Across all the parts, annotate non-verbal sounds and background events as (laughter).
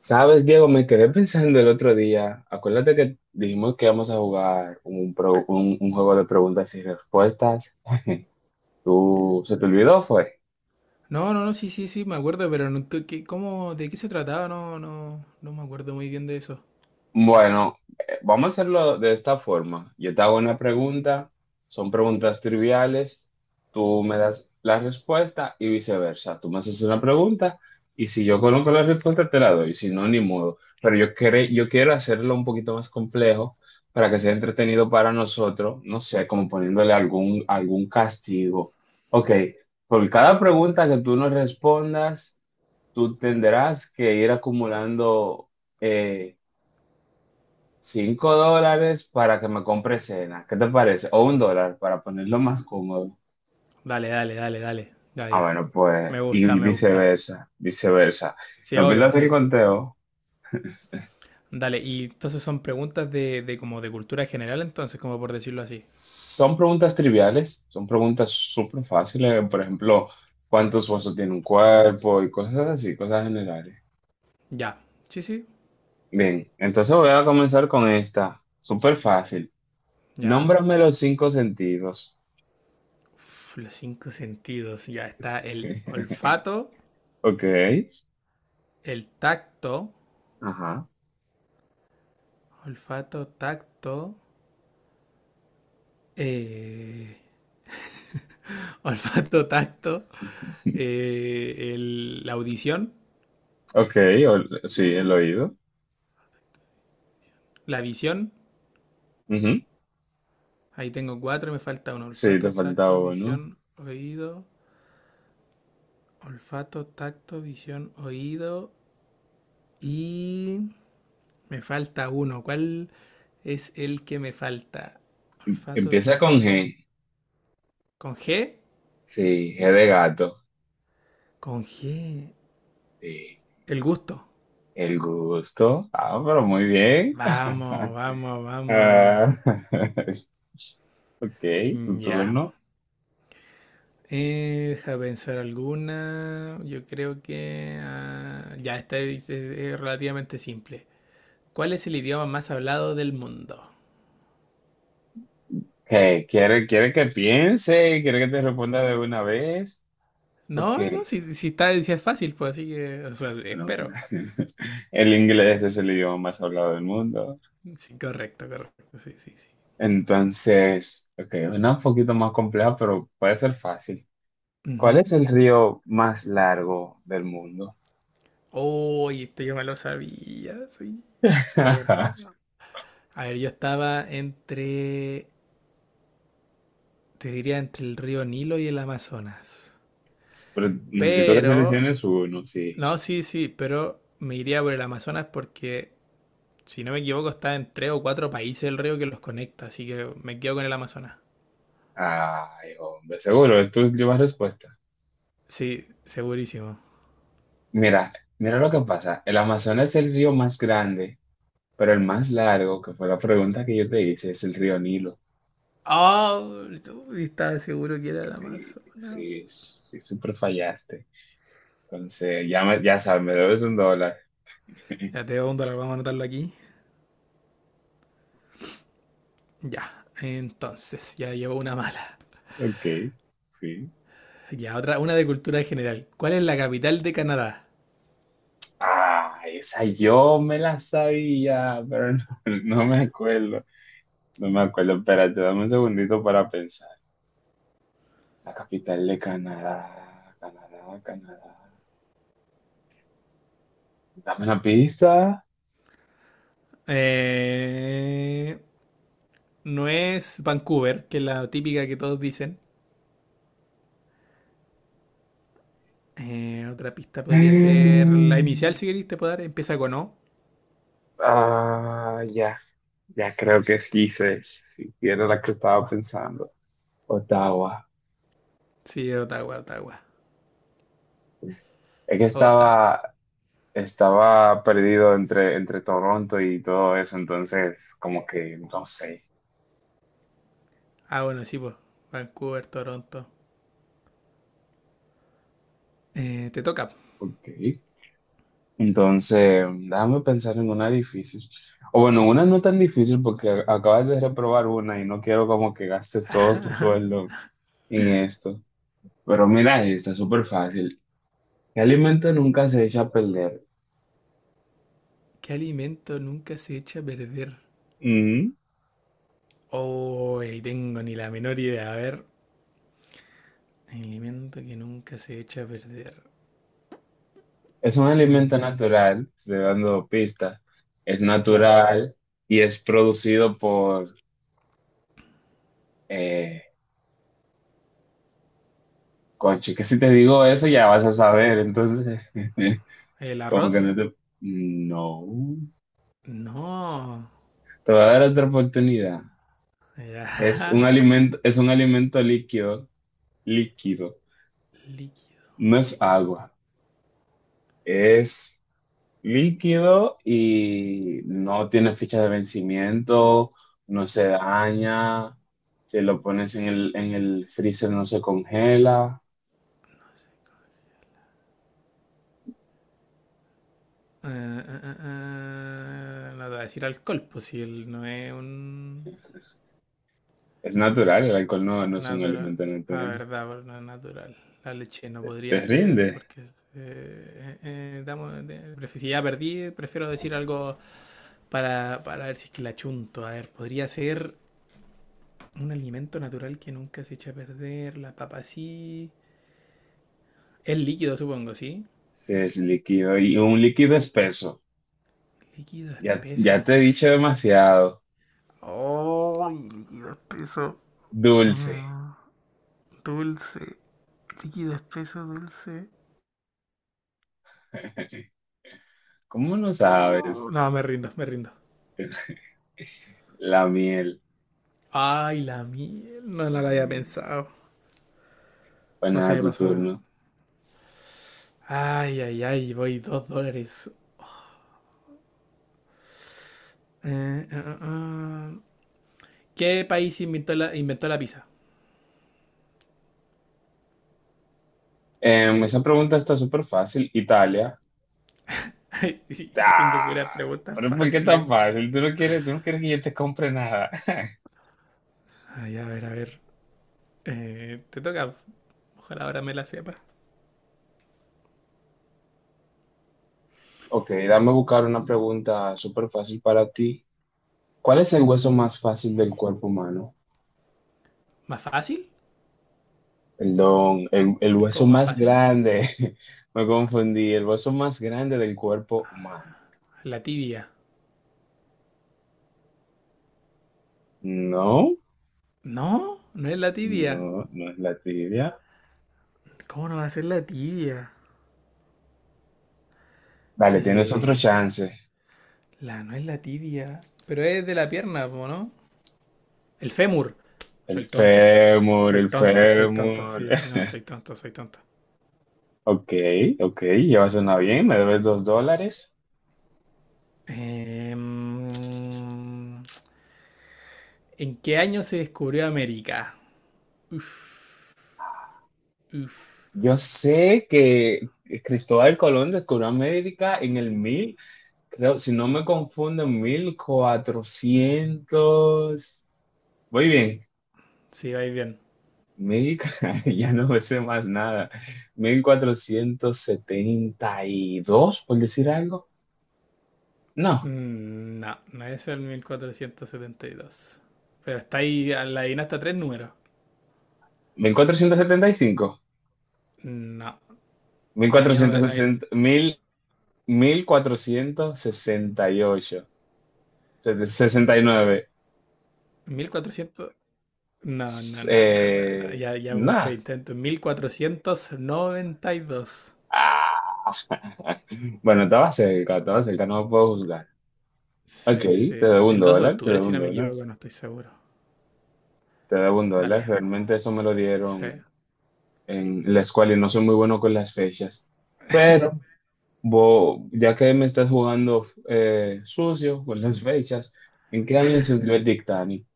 Sabes, Diego, me quedé (laughs) pensando el otro día. Acuérdate que dijimos que íbamos a jugar un juego de preguntas y respuestas. (laughs) ¿Tú se te olvidó, fue? No, no, no, sí, sí, sí, me acuerdo, pero ¿De qué se trataba? No, no, no me acuerdo muy bien de eso. Bueno, vamos a hacerlo de esta forma. Yo te hago una pregunta, son preguntas triviales, tú me das la respuesta y viceversa. Tú me haces una pregunta y si yo conozco la respuesta te la doy, si no, ni modo. Pero yo, yo quiero hacerlo un poquito más complejo para que sea entretenido para nosotros, no sé, como poniéndole algún castigo. Ok, por cada pregunta que tú nos respondas, tú tendrás que ir acumulando... eh, $5 para que me compre cena. ¿Qué te parece? O $1 para ponerlo más cómodo. Dale, dale, dale, dale. Ya, Ah, ya. bueno, Me pues, y gusta, me gusta. viceversa, viceversa. Sí, No obvio, pierdas el sí. conteo. Dale, y entonces son preguntas de como de cultura general, entonces, como por decirlo así. Son preguntas triviales, son preguntas súper fáciles. Por ejemplo, ¿cuántos huesos tiene un cuerpo? Y cosas así, cosas generales. Ya. Sí, sí, Bien, entonces voy a comenzar con esta. Súper fácil. ya. Nómbrame los cinco sentidos. Uf, los cinco sentidos. Ya está el (laughs) olfato, Ok, el tacto, ajá. olfato, tacto, eh, (laughs) olfato, tacto, la audición. Ok, o- sí, el oído. La visión, Ujú. ahí tengo cuatro, me falta uno. Sí, te Olfato, falta tacto, uno. visión, oído. Olfato, tacto, visión, oído. Y me falta uno. ¿Cuál es el que me falta? Olfato, Empieza con tacto. G. ¿Con G? Sí, G de gato. Con G. Sí, El gusto. el gusto. Ah, pero muy bien. Vamos, vamos, (laughs) vamos. Ah, (laughs) ok, tu Ya. turno. Deja pensar alguna. Yo creo que ah, ya, esta es relativamente simple. ¿Cuál es el idioma más hablado del mundo? ¿Qué? ¿Quiere que piense? ¿Quiere que te responda de una vez? Ok. No, no, si está, si es fácil, pues así que, o sea, Bueno, espero. (laughs) el inglés es el idioma más hablado del mundo. Sí, correcto, correcto, sí, sí, sí. Entonces, ok, una un poquito más compleja, pero puede ser fácil. ¿Cuál Ujú. es el río más largo del mundo? Uy, este yo me lo sabía, sí. A ver. (laughs) A ver, yo estaba entre, te diría, entre el río Nilo y el Amazonas. Pero necesito que Pero, selecciones uno, sí. no, sí, sí, pero me iría por el Amazonas porque, si no me equivoco, está en tres o cuatro países el río que los conecta, así que me quedo con el Amazonas. Ay, hombre, seguro, es tu última respuesta. Sí, segurísimo. Mira, mira lo que pasa. El Amazonas es el río más grande, pero el más largo, que fue la pregunta que yo te hice, es el río Nilo. Ah, ¿tú estaba seguro que era la Sí, Amazona? sí, sí, súper fallaste. Entonces, ya, ya sabes, me debes $1. (laughs) Ya te voy a dólar, vamos a anotarlo aquí. Ya, entonces, ya llevo una mala. Ok, sí. Ya, otra, una de cultura general. ¿Cuál es la capital de Canadá? Ah, esa yo me la sabía, pero (laughs) no, no me acuerdo. No me acuerdo. Espérate, dame un segundito para pensar. La capital de Canadá, Canadá, Canadá. Dame una pista. Eh, no es Vancouver, que es la típica que todos dicen. Otra pista (gasps) podría ser la inicial, Mm. si queréis, te puedo dar. Empieza con O. Ah, ya, ya creo que sí sé, si era la que estaba pensando. Ottawa. Sí, Ottawa, Ottawa. Es que Ottawa. Estaba perdido entre Toronto y todo eso, entonces como que no sé. Ah, bueno, sí, pues. Vancouver, Toronto. Te toca. Ok. Entonces, déjame pensar en una difícil. O bueno, una no tan difícil porque acabas de reprobar una y no quiero como que gastes todo tu sueldo en esto. Pero mira, está súper fácil. ¿Qué alimento nunca se echa a perder? ¿Qué alimento nunca se echa a perder? Mm, Oh, tengo ni la menor idea. A ver, alimento que nunca se echa a perder. Es un alimento Mm, natural, estoy dando pistas. Es ¿El, ar- natural y es producido por... Eh, coche, que si te digo eso ya vas a saber. Entonces, el (laughs) como que arroz? no te... No. No. Te voy a dar otra oportunidad. Ya. Es un alimento líquido, líquido. (laughs) Líquido. No es agua, es líquido y no tiene fecha de vencimiento, no se daña, si lo pones en el freezer no se congela. No te voy a decir alcohol, pues si él no es un Es natural, el alcohol no, no es un natural. alimento Ah, natural. verdad, pero no es natural. La leche no Te podría ser rinde porque si ya perdí, prefiero decir algo para ver si es que la chunto. A ver, podría ser un alimento natural que nunca se echa a perder. La papa sí. Es líquido, supongo, ¿sí? si es líquido y un líquido espeso. Líquido Ya, espeso. ya te he dicho demasiado. ¡Oh! Líquido espeso. Dulce. Ah, dulce. Líquido espeso, dulce. (laughs) ¿Cómo no sabes? Oh, no, me rindo, me rindo. La miel. Ay, la miel. No, no La la había miel. pensado. Pues No se nada, me tu pasó. turno. Ay, ay, ay, voy $2. Eh, ah, ah, ah. ¿Qué país inventó la pizza? Esa pregunta está súper fácil. Italia. (laughs) Tengo ¡Ah! puras preguntas Pero ¿por qué fáciles. tan fácil? ¿Tú no quieres que yo te compre nada? (laughs) Ay, a ver, a ver. Te toca. Ojalá ahora me la sepas. Ok, dame buscar una pregunta súper fácil para ti. ¿Cuál es el hueso más fácil del cuerpo humano? ¿Más fácil? Perdón, el hueso ¿Cómo más más fácil? grande. (laughs) Me confundí. El hueso más grande del cuerpo humano. La tibia. No, No, no es la tibia. no, no es la tibia. ¿Cómo no va a ser la tibia? Dale, tienes otro Eh, chance. la no es la tibia. Pero es de la pierna, po, ¿no? El fémur. El Soy tonto. fémur, Soy el tonto, soy tonto. fémur. Sí, no, soy (laughs) tonto, soy tonto. Ok, ok, ya suena bien, me debes $2. Eh, mm, ¿En qué año se descubrió América? Uf, uf. Yo sé que Cristóbal Colón descubrió América en el mil, creo, si no me confundo, en 1400. Muy bien, Sí, vais bien. mil, (laughs) ya no me sé más nada. 1472, por decir algo. No, No, no es el 1472. Pero está ahí, la adivinaste a tres números. 1475. No, no, ya no Cuatrocientos la... ahí- sesenta. Mil. 1468, 69. 1400... No, no, no, no, no, no. Ya, ya muchos Nada. intentos. 1492. Ah, (laughs) bueno, estaba cerca, no lo puedo juzgar. Ok, Sí, te sí. debo un El 12 de dólar, te octubre, debo si un no me dólar, equivoco, no estoy seguro. te debo un Dale. dólar. Realmente eso me lo Sí. dieron en la escuela y no soy muy bueno con las fechas. Pero ya que me estás jugando sucio con las fechas, ¿en qué año se hundió el Titanic?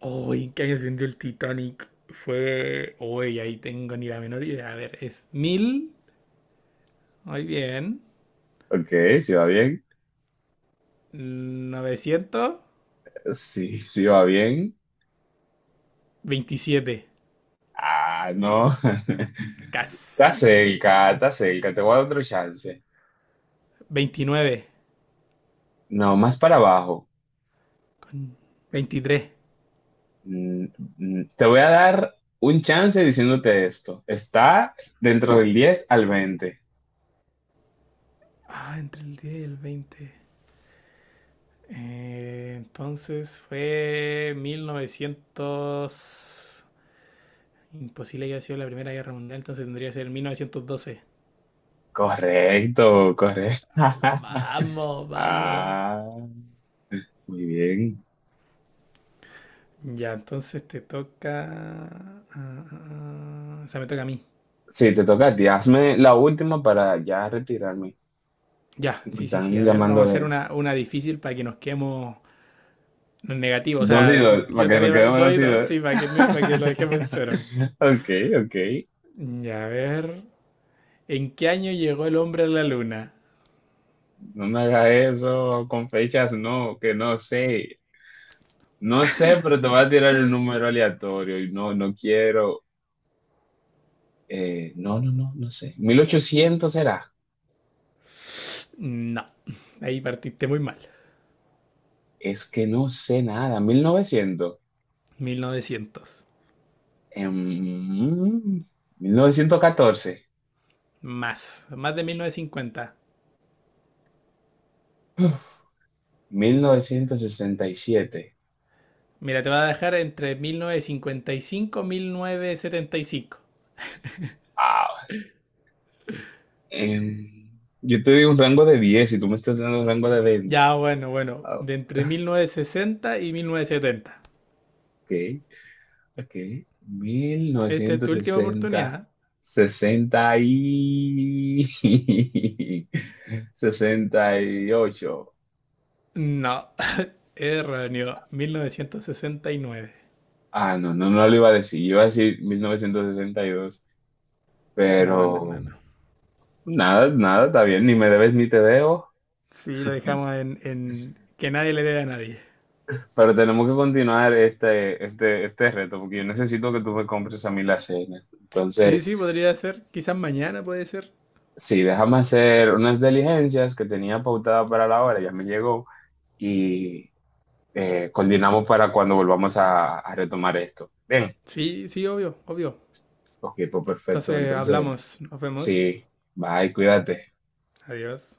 Uy, ¿En qué año se hundió el Titanic? Uy, ahí tengo ni la menor idea. A ver, es mil. Muy bien. Ok, ¿sí va bien? novecientos Sí, sí va bien. veintisiete Ah, no. (laughs) Casi. Está cerca, te voy a dar otro chance. 29. No, más para abajo. Con 23. Mm, Te voy a dar un chance diciéndote esto. Está dentro del 10 al 20. Ah, entre el 10 y el 20. Entonces fue mil novecientos. Imposible que haya sido la Primera Guerra Mundial, entonces tendría que ser 1912. Correcto, correcto. (laughs) Vamos, vamos. Ah, muy bien. Ya, entonces te toca. ah, ah, o sea, me toca a mí. Sí, te toca a ti. Hazme la última para ya retirarme. Ya, Me sí, sí, sí. están A ver, vamos a llamando hacer de una difícil para que nos quedemos negativos. O dos y sea, dos, para yo que te me quedemos dos doy y dos, dos. sí, para que, no- para que lo dejemos en cero. (laughs) Ok, ok. Y a ver, ¿en qué año llegó el hombre a la luna? No me hagas eso con fechas, no, que no sé. No sé, pero te voy a tirar un número aleatorio y no, no quiero. No, no, no, no sé. 1800 será. No, ahí partiste muy mal. Es que no sé nada. 1900. 1900. Em, Mil Mil novecientos catorce. Más de 1950. ¿Mil novecientos sesenta y siete? Mira, te voy a dejar entre 1955 y 1975. Ah, yo te digo un rango de 10 y tú me estás dando un rango de 20. Ya, bueno, bueno, Ah, de entre (laughs) 1960 y 1970. ok. Ok, mil Esta es novecientos tu última sesenta, oportunidad. 60 y (laughs) 68. No, erróneo, 1969. Ah, no, no, no lo iba a decir. Iba a decir 1962, No, no, no, pero no. nada, nada, está bien, ni me debes ni te debo. Sí, lo (laughs) dejamos en que nadie le debe a nadie. Pero tenemos que continuar este reto, porque yo necesito que tú me compres a mí la cena. Sí, Entonces, sí, podría ser. Quizás mañana puede ser. sí, déjame hacer unas diligencias que tenía pautada para la hora, ya me llegó, y coordinamos para cuando volvamos a retomar esto. Bien, Sí, sí, obvio, obvio. ok, pues perfecto. Entonces Entonces, hablamos, nos vemos. sí, bye, cuídate. Adiós.